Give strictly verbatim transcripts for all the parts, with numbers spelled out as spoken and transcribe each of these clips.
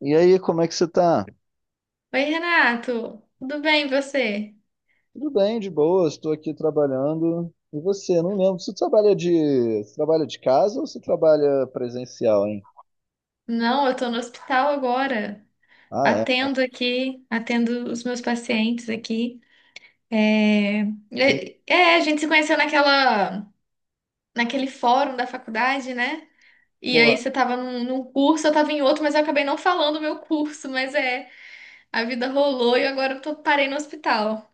E aí, como é que você tá? Oi, Renato, tudo bem e você? Tudo bem, de boa, estou aqui trabalhando. E você? Não lembro. Você trabalha de, você trabalha de casa ou você trabalha presencial, hein? Não, eu tô no hospital agora, Ah, é. atendo aqui, atendo os meus pacientes aqui. É, vinte, é, é, a gente se conheceu naquela, naquele fórum da faculdade, né? E aí porra. você tava num, num curso, eu tava em outro, mas eu acabei não falando o meu curso, mas é, a vida rolou e agora eu tô, parei no hospital.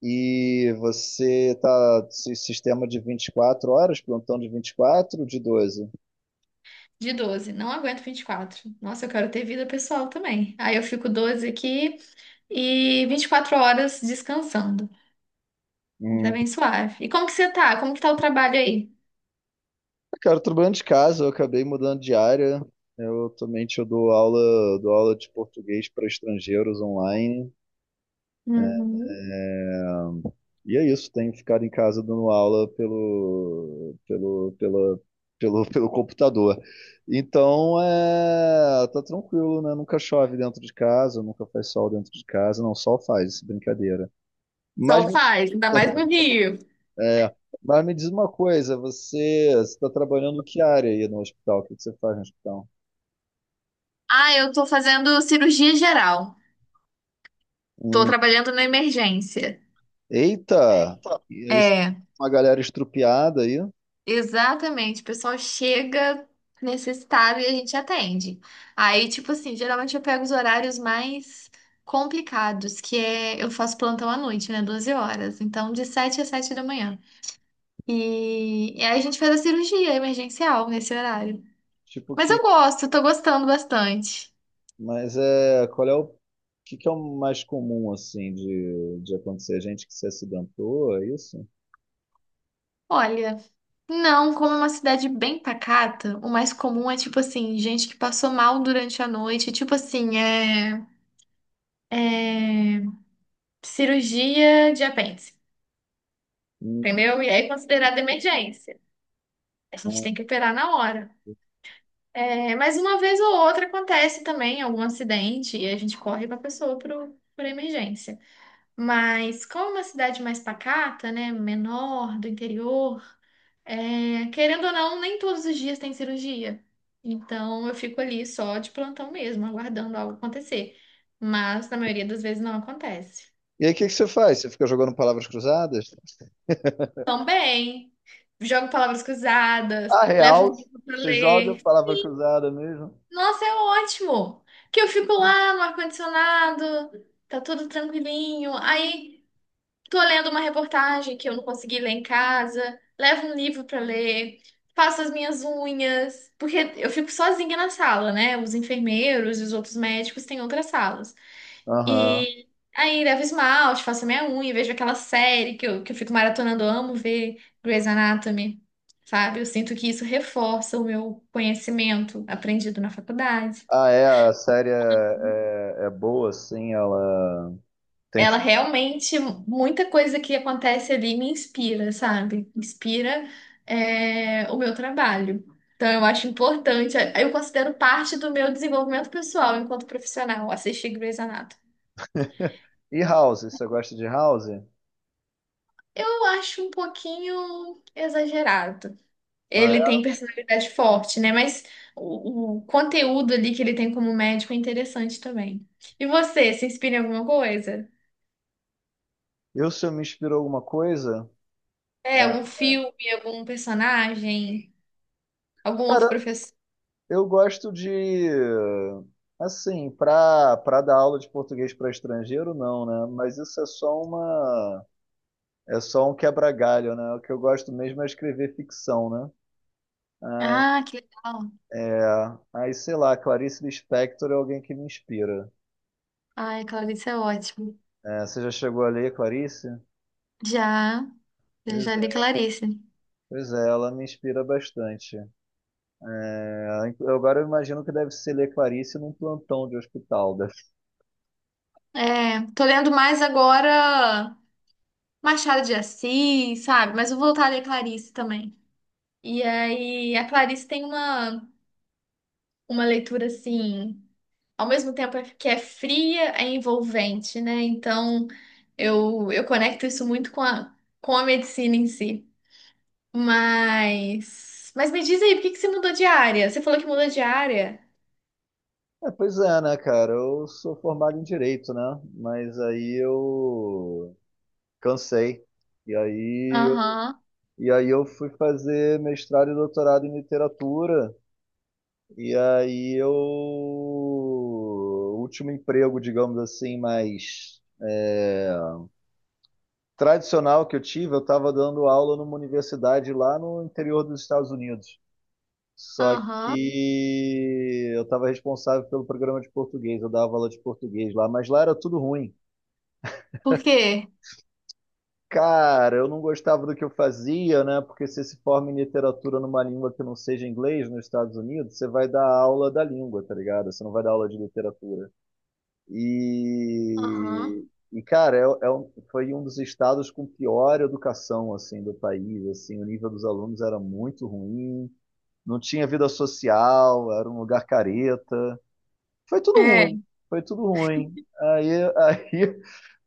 E você tá esse sistema de vinte e quatro horas, plantão de vinte e quatro, de doze? De doze, não aguento vinte e quatro. Nossa, eu quero ter vida pessoal também. Aí eu fico doze aqui e vinte e quatro horas descansando. Tá Hum. bem suave. E como que você tá? Como que tá o trabalho aí? Cara, eu trabalhando de casa, eu acabei mudando de área. Eu também eu dou aula, dou aula de português para estrangeiros online. Uhum. E é isso, tenho ficado em casa dando aula pelo, pelo, pela, pelo, pelo computador. Então, é, tá tranquilo, né? Nunca chove dentro de casa, nunca faz sol dentro de casa, não, sol faz, brincadeira. Mas, Sol me- faz, ainda mais no Rio. é, mas me diz uma coisa, você está trabalhando que área aí no hospital? O que que você faz no hospital? Ah, eu tô fazendo cirurgia geral. Tô Hum, trabalhando na emergência. É, eita! então. E aí, É, uma galera estrupiada aí, exatamente. O pessoal chega necessitado e a gente atende. Aí, tipo assim, geralmente eu pego os horários mais complicados, que é eu faço plantão à noite, né? Doze horas. Então, de sete às sete da manhã. E, e aí a gente faz a cirurgia emergencial nesse horário. tipo Mas eu que gosto, tô gostando bastante. Mas é, qual é o, o que que é o mais comum assim de, de acontecer? Gente que se acidentou, é isso? Olha, não, como é uma cidade bem pacata, o mais comum é tipo assim, gente que passou mal durante a noite, tipo assim, é cirurgia de apêndice, Hum, entendeu? E aí é considerada emergência. A gente hum. tem que operar na hora. É, mas uma vez ou outra acontece também algum acidente e a gente corre com a pessoa pro, pra emergência. Mas como é uma cidade mais pacata, né, menor, do interior, é, querendo ou não, nem todos os dias tem cirurgia. Então eu fico ali só de plantão mesmo, aguardando algo acontecer. Mas na maioria das vezes não acontece. E aí o que que você faz? Você fica jogando palavras cruzadas? Também jogo palavras cruzadas, Ah, levo um real? livro para Você joga ler. palavra cruzada mesmo? Nossa, é ótimo! Que eu fico lá no ar-condicionado, tá tudo tranquilinho. Aí tô lendo uma reportagem que eu não consegui ler em casa, levo um livro pra ler, faço as minhas unhas, porque eu fico sozinha na sala, né? Os enfermeiros e os outros médicos têm outras salas. Aham. E aí levo esmalte, faço a minha unha, vejo aquela série que eu, que eu fico maratonando, eu amo ver Grey's Anatomy, sabe? Eu sinto que isso reforça o meu conhecimento aprendido na faculdade. Ah, é, a série é, é, é boa, assim, ela tem... Ela realmente, muita coisa que acontece ali me inspira, sabe? Inspira, é, o meu trabalho. Então, eu acho importante, é, eu considero parte do meu desenvolvimento pessoal enquanto profissional, assistir Grey's Anatomy. E House, você gosta de House? Eu acho um pouquinho exagerado. Ah, Ele tem é? personalidade forte, né? Mas o, o conteúdo ali que ele tem como médico é interessante também. E você, se inspira em alguma coisa? Eu, se eu me inspirou alguma coisa? É, É. algum filme, algum personagem, algum Cara, outro. eu gosto de, assim, para para dar aula de português para estrangeiro, não, né? Mas isso é só uma, é só um quebra-galho, né? O que eu gosto mesmo é escrever ficção, né? Ai, Ah, que legal. é. Aí, sei lá, Clarice Lispector é alguém que me inspira. Ai, Clarice é ótimo. É, você já chegou a ler Clarice? Já, eu Pois já li é, Clarice. pois é, ela me inspira bastante. É, eu agora eu imagino que deve ser ler Clarice num plantão de hospital, né? É, tô lendo mais agora Machado de Assis, sabe? Mas eu vou voltar a ler Clarice também. E aí, a Clarice tem uma, uma leitura assim, ao mesmo tempo que é fria, é envolvente, né? Então, eu, eu conecto isso muito com a, com a medicina em si. Mas, mas me diz aí, por que que você mudou de área? Você falou que mudou de área? É, pois é, né, cara? Eu sou formado em direito, né? Mas aí eu cansei. E aí eu, Aham, e aí eu fui fazer mestrado e doutorado em literatura. E aí eu. O último emprego, digamos assim, mais é, tradicional que eu tive, eu estava dando aula numa universidade lá no interior dos Estados Unidos. Só aham. que eu estava responsável pelo programa de português, eu dava aula de português lá, mas lá era tudo ruim. Por quê? Cara, eu não gostava do que eu fazia, né? Porque se se forma em literatura numa língua que não seja inglês nos Estados Unidos, você vai dar aula da língua, tá ligado? Você não vai dar aula de literatura. Aham. E, e cara, é, é um- foi um dos estados com pior educação, assim, do país, assim, o nível dos alunos era muito ruim, não tinha vida social, era um lugar careta. Foi tudo É, ruim, foi tudo ruim. Aí, aí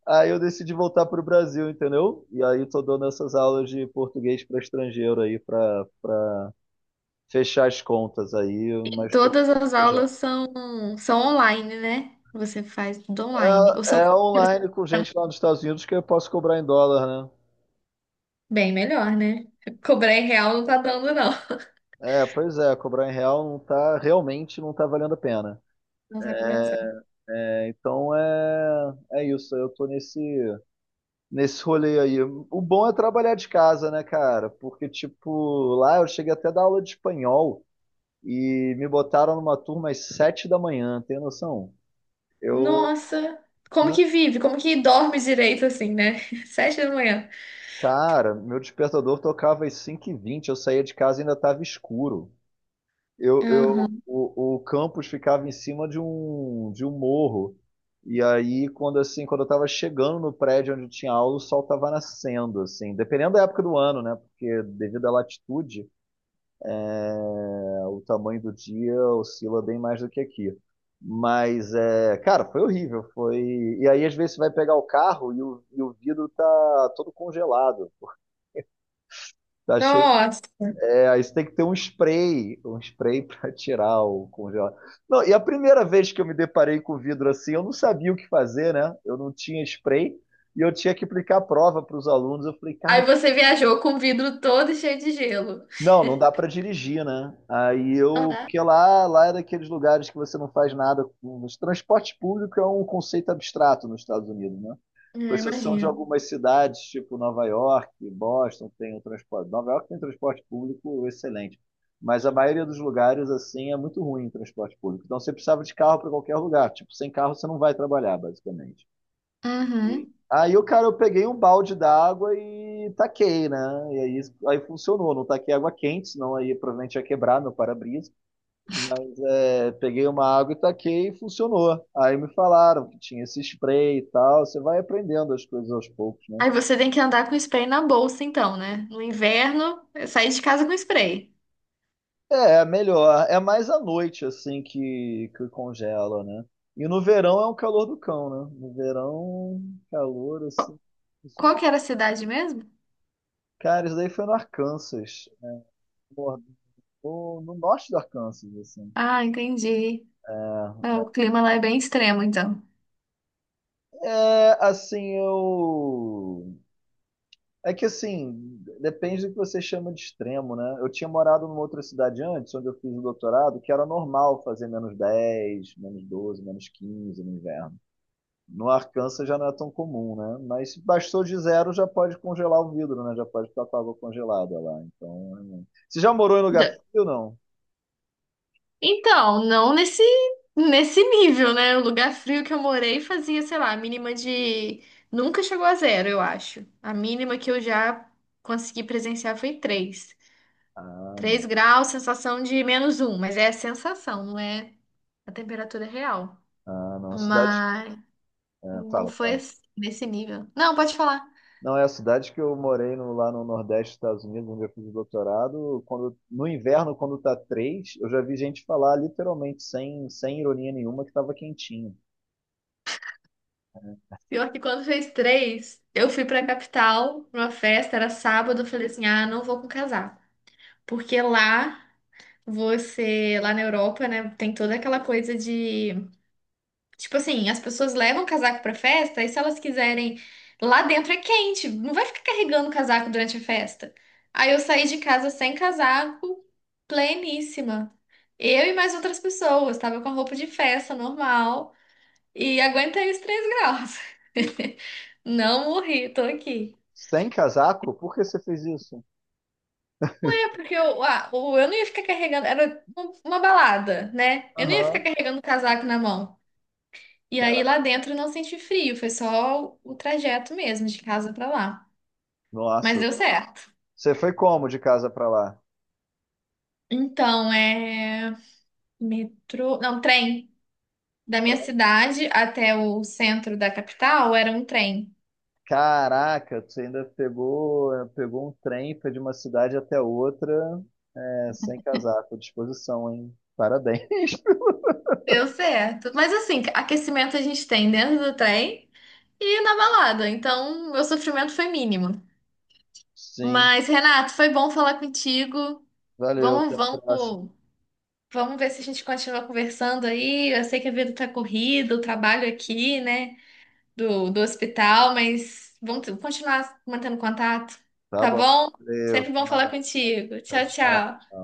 Aí eu decidi voltar para o Brasil, entendeu? E aí tô dando essas aulas de português para estrangeiro aí, para fechar as contas aí, mas tô... todas as aulas são, são online, né? Você faz tudo online. Ou É, são é online com gente lá nos Estados Unidos que eu posso cobrar em dólar, né? bem melhor, né? Cobrar em real não tá dando, não. É, pois é, cobrar em real não tá, realmente não tá valendo a pena. Não tá compensando. É, então é, é isso, eu tô nesse, nesse rolê aí. O bom é trabalhar de casa, né, cara? Porque, tipo, lá eu cheguei até a dar aula de espanhol e me botaram numa turma às sete da manhã, tem noção? Eu, Nossa, como não, que vive? Como que dorme direito assim, né? Sete da manhã. cara, meu despertador tocava às cinco e vinte, eu saía de casa e ainda estava escuro. Eu, eu, Aham. o, o campus ficava em cima de um, de um morro. E aí, quando assim, quando eu estava chegando no prédio onde tinha aula, o sol estava nascendo, assim, dependendo da época do ano, né? Porque devido à latitude, o tamanho do dia oscila bem mais do que aqui. Mas, é, cara, foi horrível. Foi... E aí, às vezes, você vai pegar o carro e o, e o vidro tá todo congelado. Tá cheio. Nossa. É, aí você tem que ter um spray, um spray para tirar o congelado. Não, e a primeira vez que eu me deparei com vidro assim, eu não sabia o que fazer, né? Eu não tinha spray e eu tinha que aplicar a prova para os alunos. Eu falei, Aí cara, você viajou com o vidro todo cheio de gelo. não, não dá pra dirigir, né? Aí Não eu, dá? porque lá, lá, é daqueles lugares que você não faz nada com. Os transporte público é um conceito abstrato nos Estados Unidos, né? Com É, exceção de imagina. algumas cidades, tipo Nova York, Boston, tem o transporte. Nova York tem um transporte público excelente, mas a maioria dos lugares assim é muito ruim o transporte público. Então você precisava de carro para qualquer lugar. Tipo, sem carro você não vai trabalhar, basicamente. Uhum. Aí o cara, eu peguei um balde d'água e taquei, né? E aí, aí funcionou. Não taquei água quente, senão aí provavelmente ia quebrar meu para-brisa. É, peguei uma água e taquei e funcionou. Aí me falaram que tinha esse spray e tal. Você vai aprendendo as coisas aos poucos, né? Aí você tem que andar com spray na bolsa, então, né? No inverno, é sair de casa com spray. É, é melhor. É mais à noite, assim, que, que congela, né? E no verão é um calor do cão, né? No verão, calor, assim, Qual insuportável. que era a cidade mesmo? Cara, isso daí foi no Arkansas, no, no norte do Arkansas, assim. Ah, entendi. Ah, o clima lá é bem extremo, então. É, é, assim, eu. É que assim, depende do que você chama de extremo, né? Eu tinha morado numa outra cidade antes, onde eu fiz o doutorado, que era normal fazer menos dez menos doze menos quinze no inverno. No Arkansas já não é tão comum, né? Mas se bastou de zero, já pode congelar o vidro, né? Já pode ficar com a água congelada lá. Então, é... você já morou em lugar Já- frio ou não? Então, não nesse nesse nível, né? O lugar frio que eu morei fazia, sei lá, a mínima de, nunca chegou a zero, eu acho. A mínima que eu já consegui presenciar foi três, Ah, não. três graus, sensação de menos um, mas é a sensação, não é a temperatura real. Ah, não. A cidade. Mas É, não fala, foi fala. assim, nesse nível. Não, pode falar. Não, é a cidade que eu morei no- lá no Nordeste dos Estados Unidos, onde eu fiz o doutorado. Quando, no inverno, quando tá três, eu já vi gente falar literalmente, sem, sem ironia nenhuma, que tava quentinho. Pior que quando fez três, eu fui pra capital, pra uma festa, era sábado, eu falei assim, ah, não vou com casaco. Porque lá, você, lá na Europa, né, tem toda aquela coisa de, tipo assim, as pessoas levam casaco pra festa, e se elas quiserem, lá dentro é quente, não vai ficar carregando casaco durante a festa. Aí eu saí de casa sem casaco, pleníssima. Eu e mais outras pessoas, tava com a roupa de festa normal. E aguentei os três graus. Não morri, tô aqui. Sem casaco? Por que você fez isso? É porque eu, ah, o- eu não ia ficar carregando, era um- uma balada, né? Eu não ia ficar Aham. carregando o casaco na mão. E aí Cara, lá dentro eu não senti frio, foi só o o trajeto mesmo, de casa pra lá. Mas nossa. deu certo. Você foi como de casa pra lá? Então, é metrô, não, trem. Da minha cidade até o centro da capital era um trem. Caraca, você ainda pegou, eh, pegou um trem foi de uma cidade até outra, é, sem casaco. Disposição, hein? Parabéns. Deu certo. Mas assim, aquecimento a gente tem dentro do trem. E na balada, então meu sofrimento foi mínimo. Sim. Mas, Renato, foi bom falar contigo. Valeu, até Vamos, a próxima. vamos, vamos ver se a gente continua conversando aí. Eu sei que a vida tá corrida, o trabalho aqui, né, do, do hospital, mas vamos t- continuar mantendo contato, Tá tá bom. bom? Valeu, Sempre até bom falar mais. contigo. Tchau, Tchau, tchau. tchau.